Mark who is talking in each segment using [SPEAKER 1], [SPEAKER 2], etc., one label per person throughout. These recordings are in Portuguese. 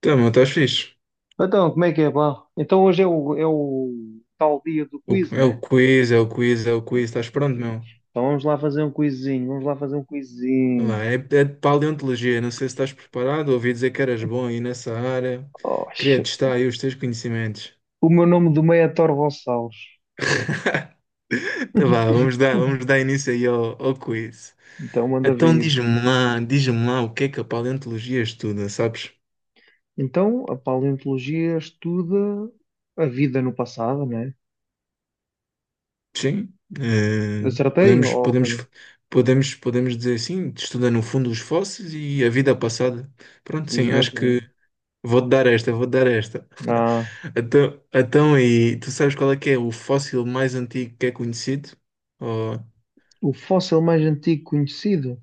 [SPEAKER 1] Tá, meu, estás fixe.
[SPEAKER 2] Então, como é que é, pá? Então hoje é o tal dia do
[SPEAKER 1] O-
[SPEAKER 2] quiz,
[SPEAKER 1] é o
[SPEAKER 2] né?
[SPEAKER 1] quiz, é o quiz, é o quiz. Estás pronto, meu?
[SPEAKER 2] Então vamos lá fazer um quizinho, vamos lá fazer um
[SPEAKER 1] Vamos
[SPEAKER 2] quizinho.
[SPEAKER 1] lá. É de paleontologia. Não sei se estás preparado. Ouvi dizer que eras bom aí nessa área. Queria
[SPEAKER 2] Oxe,
[SPEAKER 1] testar aí os teus conhecimentos.
[SPEAKER 2] o meu nome do meio é Thor.
[SPEAKER 1] Tá vá, vamos dar, vamos dar início aí ao quiz.
[SPEAKER 2] Então manda
[SPEAKER 1] Então
[SPEAKER 2] vir.
[SPEAKER 1] diz-me lá o que é que a paleontologia estuda, sabes?
[SPEAKER 2] Então, a paleontologia estuda a vida no passado, né?
[SPEAKER 1] Sim, eh,
[SPEAKER 2] Acertei?
[SPEAKER 1] podemos,
[SPEAKER 2] Oh,
[SPEAKER 1] podemos,
[SPEAKER 2] olha,
[SPEAKER 1] podemos dizer sim, estuda no fundo os fósseis e a vida passada. Pronto, sim, acho
[SPEAKER 2] exato.
[SPEAKER 1] que vou-te dar esta, vou-te dar esta.
[SPEAKER 2] Ah,
[SPEAKER 1] Então, e tu sabes qual é que é o fóssil mais antigo que é conhecido? Oh,
[SPEAKER 2] o fóssil mais antigo conhecido?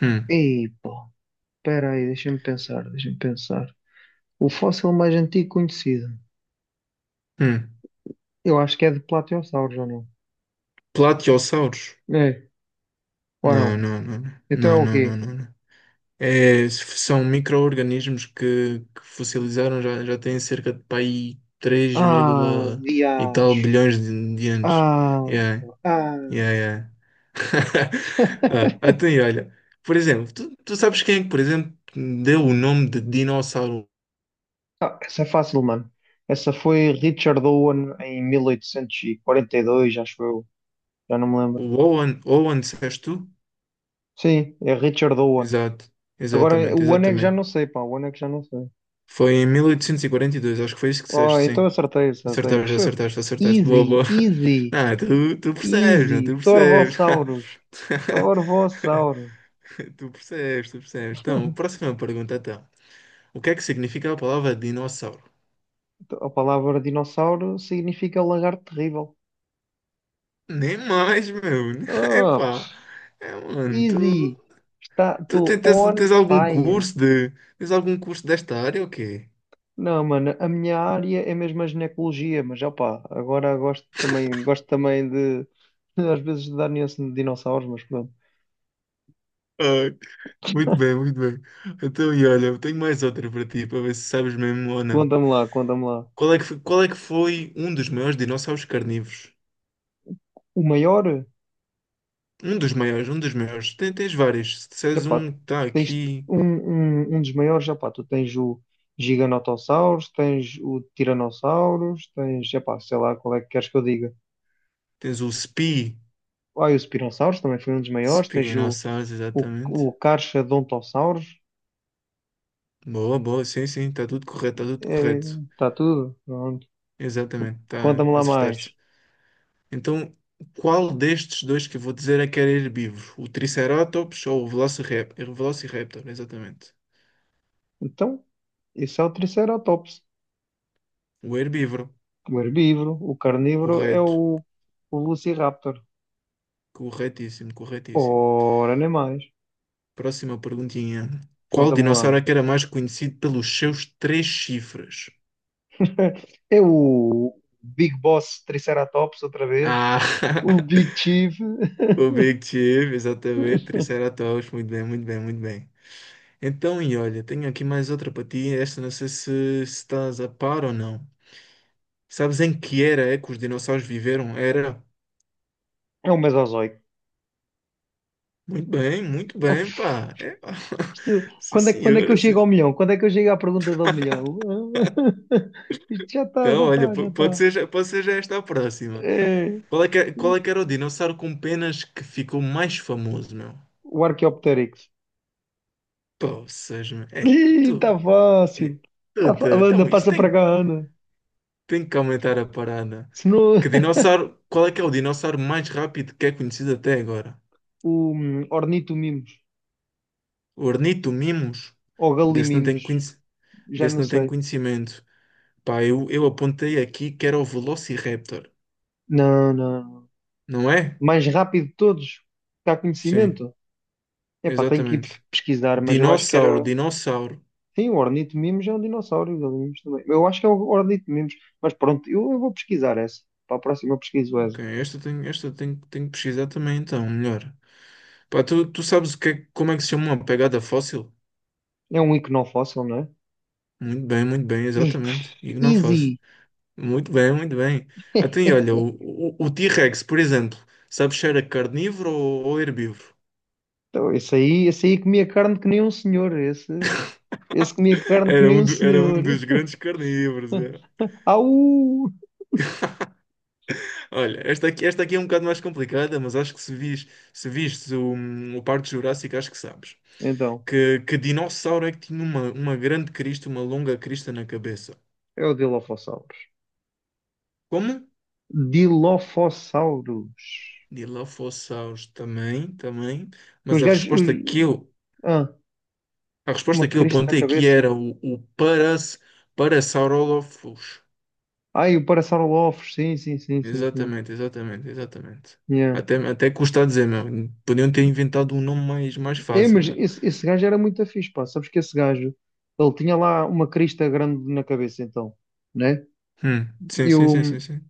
[SPEAKER 1] hum,
[SPEAKER 2] Ei, pô, espera aí, deixa-me pensar. O fóssil mais antigo conhecido?
[SPEAKER 1] hum.
[SPEAKER 2] Eu acho que é de Plateossauros, ou não?
[SPEAKER 1] Platiossauros?
[SPEAKER 2] É. Ou
[SPEAKER 1] Não,
[SPEAKER 2] não?
[SPEAKER 1] não, não,
[SPEAKER 2] Então é
[SPEAKER 1] não,
[SPEAKER 2] o
[SPEAKER 1] não, não,
[SPEAKER 2] quê?
[SPEAKER 1] não, não. É, são micro-organismos que fossilizaram já, já têm cerca de pá, aí três
[SPEAKER 2] Ah,
[SPEAKER 1] vírgula e tal
[SPEAKER 2] diacho.
[SPEAKER 1] bilhões de anos.
[SPEAKER 2] Ah,
[SPEAKER 1] Yeah,
[SPEAKER 2] ah.
[SPEAKER 1] yeah, yeah. Ah, então, e olha, por exemplo, tu sabes quem é que, por exemplo, deu o nome de dinossauro.
[SPEAKER 2] Ah, essa é fácil, mano. Essa foi Richard Owen em 1842, acho eu. Já não me
[SPEAKER 1] O
[SPEAKER 2] lembro.
[SPEAKER 1] Owen, Owen, disseste tu?
[SPEAKER 2] Sim, é Richard Owen.
[SPEAKER 1] Exato,
[SPEAKER 2] Agora,
[SPEAKER 1] exatamente,
[SPEAKER 2] o ano é que já
[SPEAKER 1] exatamente.
[SPEAKER 2] não sei, pá. O ano é que já não sei.
[SPEAKER 1] Foi em mil oitocentos e quarenta e dois, acho que foi isso que disseste,
[SPEAKER 2] Oh, então
[SPEAKER 1] sim.
[SPEAKER 2] acertei.
[SPEAKER 1] Acertaste,
[SPEAKER 2] Pff,
[SPEAKER 1] acertaste, acertaste. Boa,
[SPEAKER 2] Easy,
[SPEAKER 1] boa.
[SPEAKER 2] easy,
[SPEAKER 1] Não, tu percebes, não,
[SPEAKER 2] easy.
[SPEAKER 1] tu percebes.
[SPEAKER 2] Torvossauros. Torvossauros.
[SPEAKER 1] Tu percebes, tu percebes. Então, próxima pergunta, então. O que é que significa a palavra dinossauro?
[SPEAKER 2] A palavra dinossauro significa lagarto terrível.
[SPEAKER 1] Nem mais, meu.
[SPEAKER 2] Ah,
[SPEAKER 1] Epá. É, mano,
[SPEAKER 2] easy,
[SPEAKER 1] tu,
[SPEAKER 2] está,
[SPEAKER 1] tu
[SPEAKER 2] estou
[SPEAKER 1] te- tens,
[SPEAKER 2] on
[SPEAKER 1] tens algum
[SPEAKER 2] fire.
[SPEAKER 1] curso de... Tens algum curso desta área ou quê?
[SPEAKER 2] Não, mano, a minha área é mesmo a ginecologia, mas opá, agora gosto também de, às vezes, de dar nuance de dinossauros, mas pronto.
[SPEAKER 1] Muito bem, muito bem. Então, e olha, eu tenho mais outra para ti, para ver se sabes mesmo ou não.
[SPEAKER 2] Conta-me lá.
[SPEAKER 1] Qual é que foi, qual é que foi um dos maiores dinossauros carnívoros?
[SPEAKER 2] O maior,
[SPEAKER 1] Um dos maiores, um dos maiores. Tens vários. Se disseres
[SPEAKER 2] epá,
[SPEAKER 1] um, tá
[SPEAKER 2] tens
[SPEAKER 1] aqui.
[SPEAKER 2] um dos maiores, epá, tu tens o Giganotossauros, tens o Tiranossauros, tens, epá, sei lá qual é que queres que eu diga.
[SPEAKER 1] Tens o Spi.
[SPEAKER 2] Ah, e o Spinossauros também foi um dos maiores, tens o,
[SPEAKER 1] Spinossauros,
[SPEAKER 2] o,
[SPEAKER 1] exatamente.
[SPEAKER 2] o
[SPEAKER 1] Boa, boa, sim, sim, está tudo correto, está tudo correto.
[SPEAKER 2] está tudo. Pronto.
[SPEAKER 1] Exatamente, tá,
[SPEAKER 2] Conta-me lá mais.
[SPEAKER 1] acertaste. Então, qual destes dois que eu vou dizer é que era herbívoro? O Triceratops ou o Velociraptor? Velociraptor, exatamente.
[SPEAKER 2] Então, isso é o Triceratops.
[SPEAKER 1] O herbívoro,
[SPEAKER 2] O herbívoro, o carnívoro é o,
[SPEAKER 1] correto.
[SPEAKER 2] o Velociraptor.
[SPEAKER 1] Corretíssimo, corretíssimo.
[SPEAKER 2] Ora, nem mais.
[SPEAKER 1] Próxima perguntinha. Qual
[SPEAKER 2] Conta-me
[SPEAKER 1] dinossauro
[SPEAKER 2] lá.
[SPEAKER 1] é que era mais conhecido pelos seus três chifres?
[SPEAKER 2] É o Big Boss Triceratops outra vez.
[SPEAKER 1] Ah,
[SPEAKER 2] O Big Chief.
[SPEAKER 1] o Big Chief, exatamente, Triceratops, muito bem, muito bem, muito bem. Então, e olha, tenho aqui mais outra para ti, esta não sei se estás a par ou não. Sabes em que era é que os dinossauros viveram? Era?
[SPEAKER 2] É o Mesozoico.
[SPEAKER 1] Muito bem, pá. É, pá.
[SPEAKER 2] Isto,
[SPEAKER 1] Sim,
[SPEAKER 2] quando é que
[SPEAKER 1] senhora,
[SPEAKER 2] eu chego ao
[SPEAKER 1] sim.
[SPEAKER 2] milhão? Quando é que eu chego à pergunta do milhão? Isto já está,
[SPEAKER 1] Então,
[SPEAKER 2] já
[SPEAKER 1] olha,
[SPEAKER 2] está, já
[SPEAKER 1] pode
[SPEAKER 2] está.
[SPEAKER 1] ser, pode ser já esta a próxima.
[SPEAKER 2] É,
[SPEAKER 1] Qual é que era o dinossauro com penas que ficou mais famoso, meu?
[SPEAKER 2] o Archaeopteryx.
[SPEAKER 1] Poças, meu. É, pá,
[SPEAKER 2] Ih,
[SPEAKER 1] tu.
[SPEAKER 2] tá
[SPEAKER 1] É,
[SPEAKER 2] fácil. Tá fa- Ana,
[SPEAKER 1] então, isto
[SPEAKER 2] passa para
[SPEAKER 1] tem,
[SPEAKER 2] cá, Ana.
[SPEAKER 1] tem que aumentar a parada.
[SPEAKER 2] Se não,
[SPEAKER 1] Que dinossauro. Qual é que é o dinossauro mais rápido que é conhecido até agora?
[SPEAKER 2] o Ornito Mimos.
[SPEAKER 1] Ornitomimos?
[SPEAKER 2] Ou
[SPEAKER 1] Desse não
[SPEAKER 2] Galimimos.
[SPEAKER 1] tenho, conhec-
[SPEAKER 2] Já
[SPEAKER 1] desse
[SPEAKER 2] não
[SPEAKER 1] não tenho
[SPEAKER 2] sei.
[SPEAKER 1] conhecimento. Pá, eu apontei aqui que era o Velociraptor,
[SPEAKER 2] Não, não.
[SPEAKER 1] não é?
[SPEAKER 2] Mais rápido de todos, que há
[SPEAKER 1] Sim,
[SPEAKER 2] conhecimento. Epá, tenho que ir
[SPEAKER 1] exatamente.
[SPEAKER 2] pesquisar, mas eu acho que era.
[SPEAKER 1] Dinossauro, dinossauro.
[SPEAKER 2] Sim, o Ornito Mimos é um dinossauro. O Galimimos também. Eu acho que é o Ornito Mimos. Mas pronto, eu vou pesquisar essa. Para a próxima eu pesquiso
[SPEAKER 1] Ok,
[SPEAKER 2] essa.
[SPEAKER 1] esta eu tenho, tenho que pesquisar também, então, melhor. Pá, tu sabes como é que se chama uma pegada fóssil?
[SPEAKER 2] É um fóssil, não é?
[SPEAKER 1] Muito bem, exatamente. E não faço.
[SPEAKER 2] Easy.
[SPEAKER 1] Muito bem, muito bem. Até aí, olha, o T-Rex, por exemplo, sabes se era carnívoro ou herbívoro?
[SPEAKER 2] Então, esse aí comia carne que nem um senhor. Esse. Esse comia carne que
[SPEAKER 1] Era
[SPEAKER 2] nem
[SPEAKER 1] um,
[SPEAKER 2] o
[SPEAKER 1] do- era um
[SPEAKER 2] senhor.
[SPEAKER 1] dos grandes carnívoros. É.
[SPEAKER 2] Au!
[SPEAKER 1] Olha, esta aqui é um bocado mais complicada, mas acho que se viste o Parque Jurássico, acho que sabes.
[SPEAKER 2] Então,
[SPEAKER 1] Que dinossauro é que tinha uma grande crista, uma longa crista na cabeça?
[SPEAKER 2] é o Dilophosaurus.
[SPEAKER 1] Como?
[SPEAKER 2] Dilophosaurus.
[SPEAKER 1] Dilophosaurus também, também.
[SPEAKER 2] Que
[SPEAKER 1] Mas
[SPEAKER 2] os
[SPEAKER 1] a
[SPEAKER 2] gajos.
[SPEAKER 1] resposta
[SPEAKER 2] Os-
[SPEAKER 1] que eu,
[SPEAKER 2] Ah,
[SPEAKER 1] a resposta
[SPEAKER 2] uma
[SPEAKER 1] que eu
[SPEAKER 2] crista na
[SPEAKER 1] apontei aqui
[SPEAKER 2] cabeça.
[SPEAKER 1] era o Parasaurolophus.
[SPEAKER 2] Ai, o Parasaurolophus. Sim, sim, sim, sim, sim.
[SPEAKER 1] Exatamente, exatamente, exatamente.
[SPEAKER 2] Yeah.
[SPEAKER 1] Até custa a dizer, meu. Podiam ter inventado um nome mais
[SPEAKER 2] É,
[SPEAKER 1] fácil,
[SPEAKER 2] mas
[SPEAKER 1] meu.
[SPEAKER 2] esse gajo era muito fixe, pá. Sabes que esse gajo, ele tinha lá uma crista grande na cabeça, então, né?
[SPEAKER 1] Sim, sim,
[SPEAKER 2] Eu,
[SPEAKER 1] sim, sim, sim.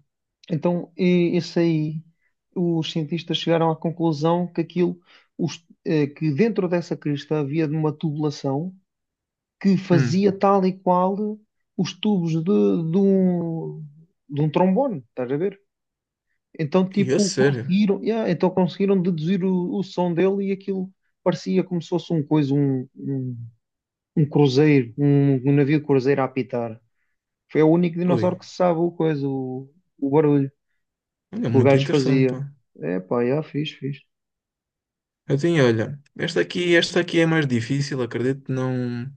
[SPEAKER 2] então, e- isso aí, os cientistas chegaram à conclusão que aquilo, os- que dentro dessa crista havia de uma tubulação que
[SPEAKER 1] Hum.
[SPEAKER 2] fazia tal e qual os tubos de um, de um trombone, estás a ver? Então,
[SPEAKER 1] E a
[SPEAKER 2] tipo,
[SPEAKER 1] sério?
[SPEAKER 2] conseguiram, yeah, então conseguiram deduzir o som dele e aquilo parecia como se fosse um coisa, um cruzeiro, um navio cruzeiro a apitar. Foi o único
[SPEAKER 1] Ui,
[SPEAKER 2] dinossauro que se sabe o coisa, o barulho
[SPEAKER 1] olha,
[SPEAKER 2] o
[SPEAKER 1] muito
[SPEAKER 2] gajo
[SPEAKER 1] interessante,
[SPEAKER 2] fazia.
[SPEAKER 1] pá.
[SPEAKER 2] É pá, já fiz.
[SPEAKER 1] Eu tenho, olha, esta aqui é mais difícil, acredito, não,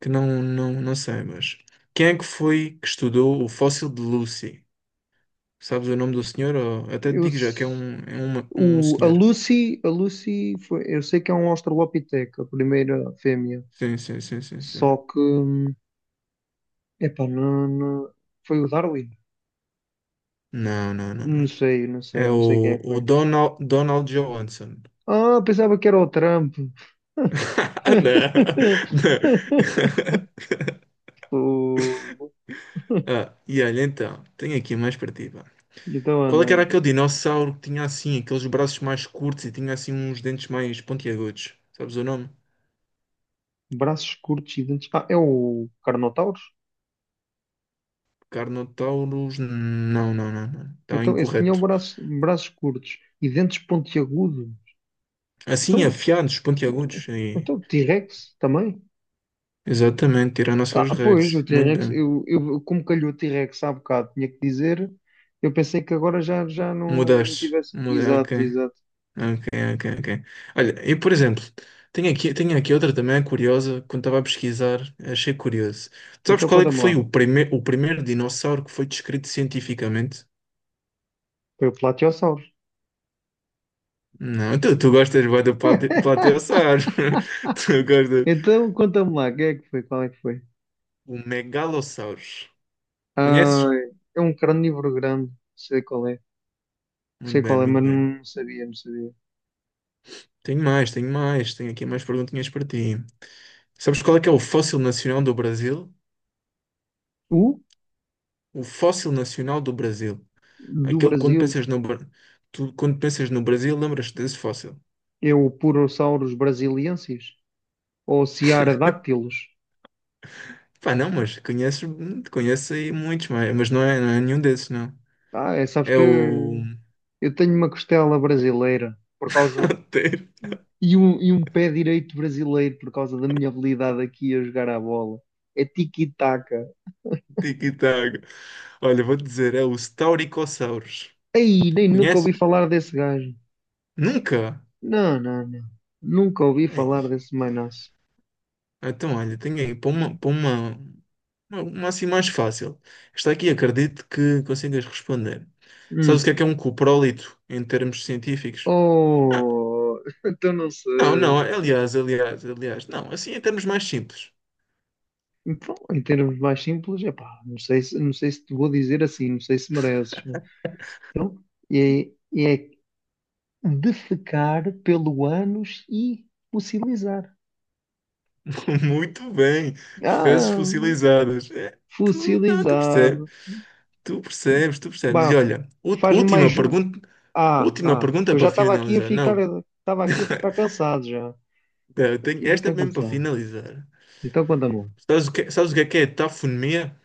[SPEAKER 1] que não, não, não sei, mas quem é que foi que estudou o fóssil de Lucy? Sabes o nome do senhor? Ou... Até te
[SPEAKER 2] Eu,
[SPEAKER 1] digo já que é
[SPEAKER 2] s-
[SPEAKER 1] um, um
[SPEAKER 2] o,
[SPEAKER 1] senhor.
[SPEAKER 2] A Lucy foi, eu sei que é um Australopithec, a primeira fêmea.
[SPEAKER 1] Sim, sim, sim, sim, sim.
[SPEAKER 2] Só que, é pá, não, não- foi o Darwin.
[SPEAKER 1] Não, não, não,
[SPEAKER 2] Não
[SPEAKER 1] não.
[SPEAKER 2] sei, não sei,
[SPEAKER 1] É
[SPEAKER 2] não sei quem é
[SPEAKER 1] o,
[SPEAKER 2] que
[SPEAKER 1] o
[SPEAKER 2] foi.
[SPEAKER 1] Donald, Donald Johnson.
[SPEAKER 2] Ah, pensava que era o Trump.
[SPEAKER 1] Não, não.
[SPEAKER 2] O...
[SPEAKER 1] Ah, e olha, então, tenho aqui mais para ti, pá.
[SPEAKER 2] Então
[SPEAKER 1] Qual é que
[SPEAKER 2] anda.
[SPEAKER 1] era aquele dinossauro que tinha assim, aqueles braços mais curtos e tinha assim uns dentes mais pontiagudos? Sabes o nome?
[SPEAKER 2] Braços curtos e dentes. Ah, é o Carnotaurus?
[SPEAKER 1] Carnotauros. Não, não, não, não. Está
[SPEAKER 2] Então, esse tinha o
[SPEAKER 1] incorreto.
[SPEAKER 2] braços curtos e dentes pontiagudos.
[SPEAKER 1] Assim,
[SPEAKER 2] Então,
[SPEAKER 1] afiados, pontiagudos. E...
[SPEAKER 2] então, T-Rex também?
[SPEAKER 1] Exatamente, Tiranossauros
[SPEAKER 2] Ah, pois,
[SPEAKER 1] Rex.
[SPEAKER 2] o
[SPEAKER 1] Muito
[SPEAKER 2] T-Rex,
[SPEAKER 1] bem.
[SPEAKER 2] eu, como calhou o T-Rex há bocado, tinha que dizer, eu pensei que agora já, já não
[SPEAKER 1] Mudaste.
[SPEAKER 2] tivesse.
[SPEAKER 1] Muda, ok.
[SPEAKER 2] Exato, exato.
[SPEAKER 1] Ok, ok, ok. Olha, eu, por exemplo, tenho aqui outra também curiosa. Quando estava a pesquisar, achei curioso. Tu sabes
[SPEAKER 2] Então,
[SPEAKER 1] qual é que
[SPEAKER 2] conta-me
[SPEAKER 1] foi
[SPEAKER 2] lá.
[SPEAKER 1] o primeiro dinossauro que foi descrito cientificamente?
[SPEAKER 2] Foi o Platiossauros.
[SPEAKER 1] Não, tu gostas bué do plateossauro. Tu gostas.
[SPEAKER 2] Então, conta-me lá, quem é que foi? Qual é que foi?
[SPEAKER 1] O Megalossauros.
[SPEAKER 2] Ah,
[SPEAKER 1] Conheces?
[SPEAKER 2] é um carnívoro grande, sei qual é.
[SPEAKER 1] Muito
[SPEAKER 2] Sei
[SPEAKER 1] bem,
[SPEAKER 2] qual é,
[SPEAKER 1] muito
[SPEAKER 2] mas
[SPEAKER 1] bem.
[SPEAKER 2] não sabia.
[SPEAKER 1] Tenho mais, tenho mais. Tenho aqui mais perguntinhas para ti. Sabes qual é que é o fóssil nacional do Brasil?
[SPEAKER 2] O
[SPEAKER 1] O fóssil nacional do Brasil.
[SPEAKER 2] do
[SPEAKER 1] Aquele que quando
[SPEAKER 2] Brasil
[SPEAKER 1] pensas no, Bra- tu, quando pensas no Brasil, lembras-te desse fóssil.
[SPEAKER 2] é o Purossauros brasiliensis? Ou Cearodactylus?
[SPEAKER 1] Pá, não, mas conheces aí muitos, mas não é nenhum desses, não.
[SPEAKER 2] Ah, é, sabes
[SPEAKER 1] É
[SPEAKER 2] que é.
[SPEAKER 1] o...
[SPEAKER 2] Eu tenho uma costela brasileira por causa e um pé direito brasileiro por causa da minha habilidade aqui a jogar à bola. É tiki-taka.
[SPEAKER 1] Tiki-taka. Olha, vou-te dizer, é o Staurikosaurus.
[SPEAKER 2] Ei, nem nunca ouvi
[SPEAKER 1] Conhece?
[SPEAKER 2] falar desse gajo.
[SPEAKER 1] Nunca?
[SPEAKER 2] Não, não, não. Nunca ouvi
[SPEAKER 1] Ei.
[SPEAKER 2] falar desse mainaço.
[SPEAKER 1] Ah, então, olha, tenho aí, para uma assim mais fácil. Esta aqui acredito que consigas responder. Sabes o
[SPEAKER 2] Hum.
[SPEAKER 1] que é um cuprólito em termos científicos? Ah,
[SPEAKER 2] Oh, então não
[SPEAKER 1] não, não,
[SPEAKER 2] sei.
[SPEAKER 1] aliás, aliás, aliás, não, assim em termos mais simples.
[SPEAKER 2] Então, em termos mais simples, epá, não sei se te vou dizer assim, não sei se mereces, né? Então, é, é defecar pelo ânus e fossilizar.
[SPEAKER 1] Muito bem, fezes
[SPEAKER 2] Ah,
[SPEAKER 1] fossilizadas. É, tu, não, tu percebes,
[SPEAKER 2] fossilizado.
[SPEAKER 1] tu percebes, tu percebes.
[SPEAKER 2] Bah,
[SPEAKER 1] E olha,
[SPEAKER 2] faz-me mais um. Ah,
[SPEAKER 1] última
[SPEAKER 2] ah.
[SPEAKER 1] pergunta
[SPEAKER 2] Eu
[SPEAKER 1] para
[SPEAKER 2] já estava aqui a
[SPEAKER 1] finalizar.
[SPEAKER 2] ficar,
[SPEAKER 1] Não,
[SPEAKER 2] estava aqui a ficar cansado já.
[SPEAKER 1] não, eu tenho
[SPEAKER 2] Aqui a
[SPEAKER 1] esta
[SPEAKER 2] ficar
[SPEAKER 1] mesmo para
[SPEAKER 2] cansado.
[SPEAKER 1] finalizar.
[SPEAKER 2] Então conta-me lá.
[SPEAKER 1] Sabes o que é que é tafonomia?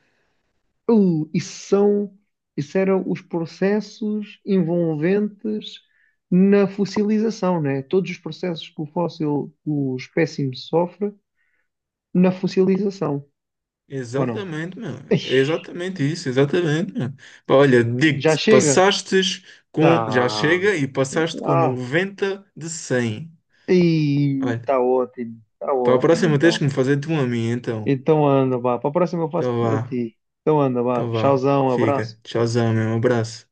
[SPEAKER 2] Isso são, isso eram os processos envolventes na fossilização, né? Todos os processos que o fóssil, o espécime sofre na fossilização, ou não?
[SPEAKER 1] Exatamente, meu.
[SPEAKER 2] Ai,
[SPEAKER 1] É exatamente isso, exatamente, meu. Pá, olha,
[SPEAKER 2] já
[SPEAKER 1] digo-te,
[SPEAKER 2] chega?
[SPEAKER 1] passastes com. Já
[SPEAKER 2] Tá.
[SPEAKER 1] chega e passaste com
[SPEAKER 2] Ah,
[SPEAKER 1] 90 de 100. Olha,
[SPEAKER 2] está
[SPEAKER 1] para a
[SPEAKER 2] ótimo
[SPEAKER 1] próxima tens que
[SPEAKER 2] então.
[SPEAKER 1] me fazer tu a mim, então.
[SPEAKER 2] Então anda, vá. Para a próxima eu faço
[SPEAKER 1] Então
[SPEAKER 2] a
[SPEAKER 1] vá,
[SPEAKER 2] ti. Então anda, vá.
[SPEAKER 1] então vá.
[SPEAKER 2] Tchauzão, abraço.
[SPEAKER 1] Fica. Tchauzão, meu. Um abraço.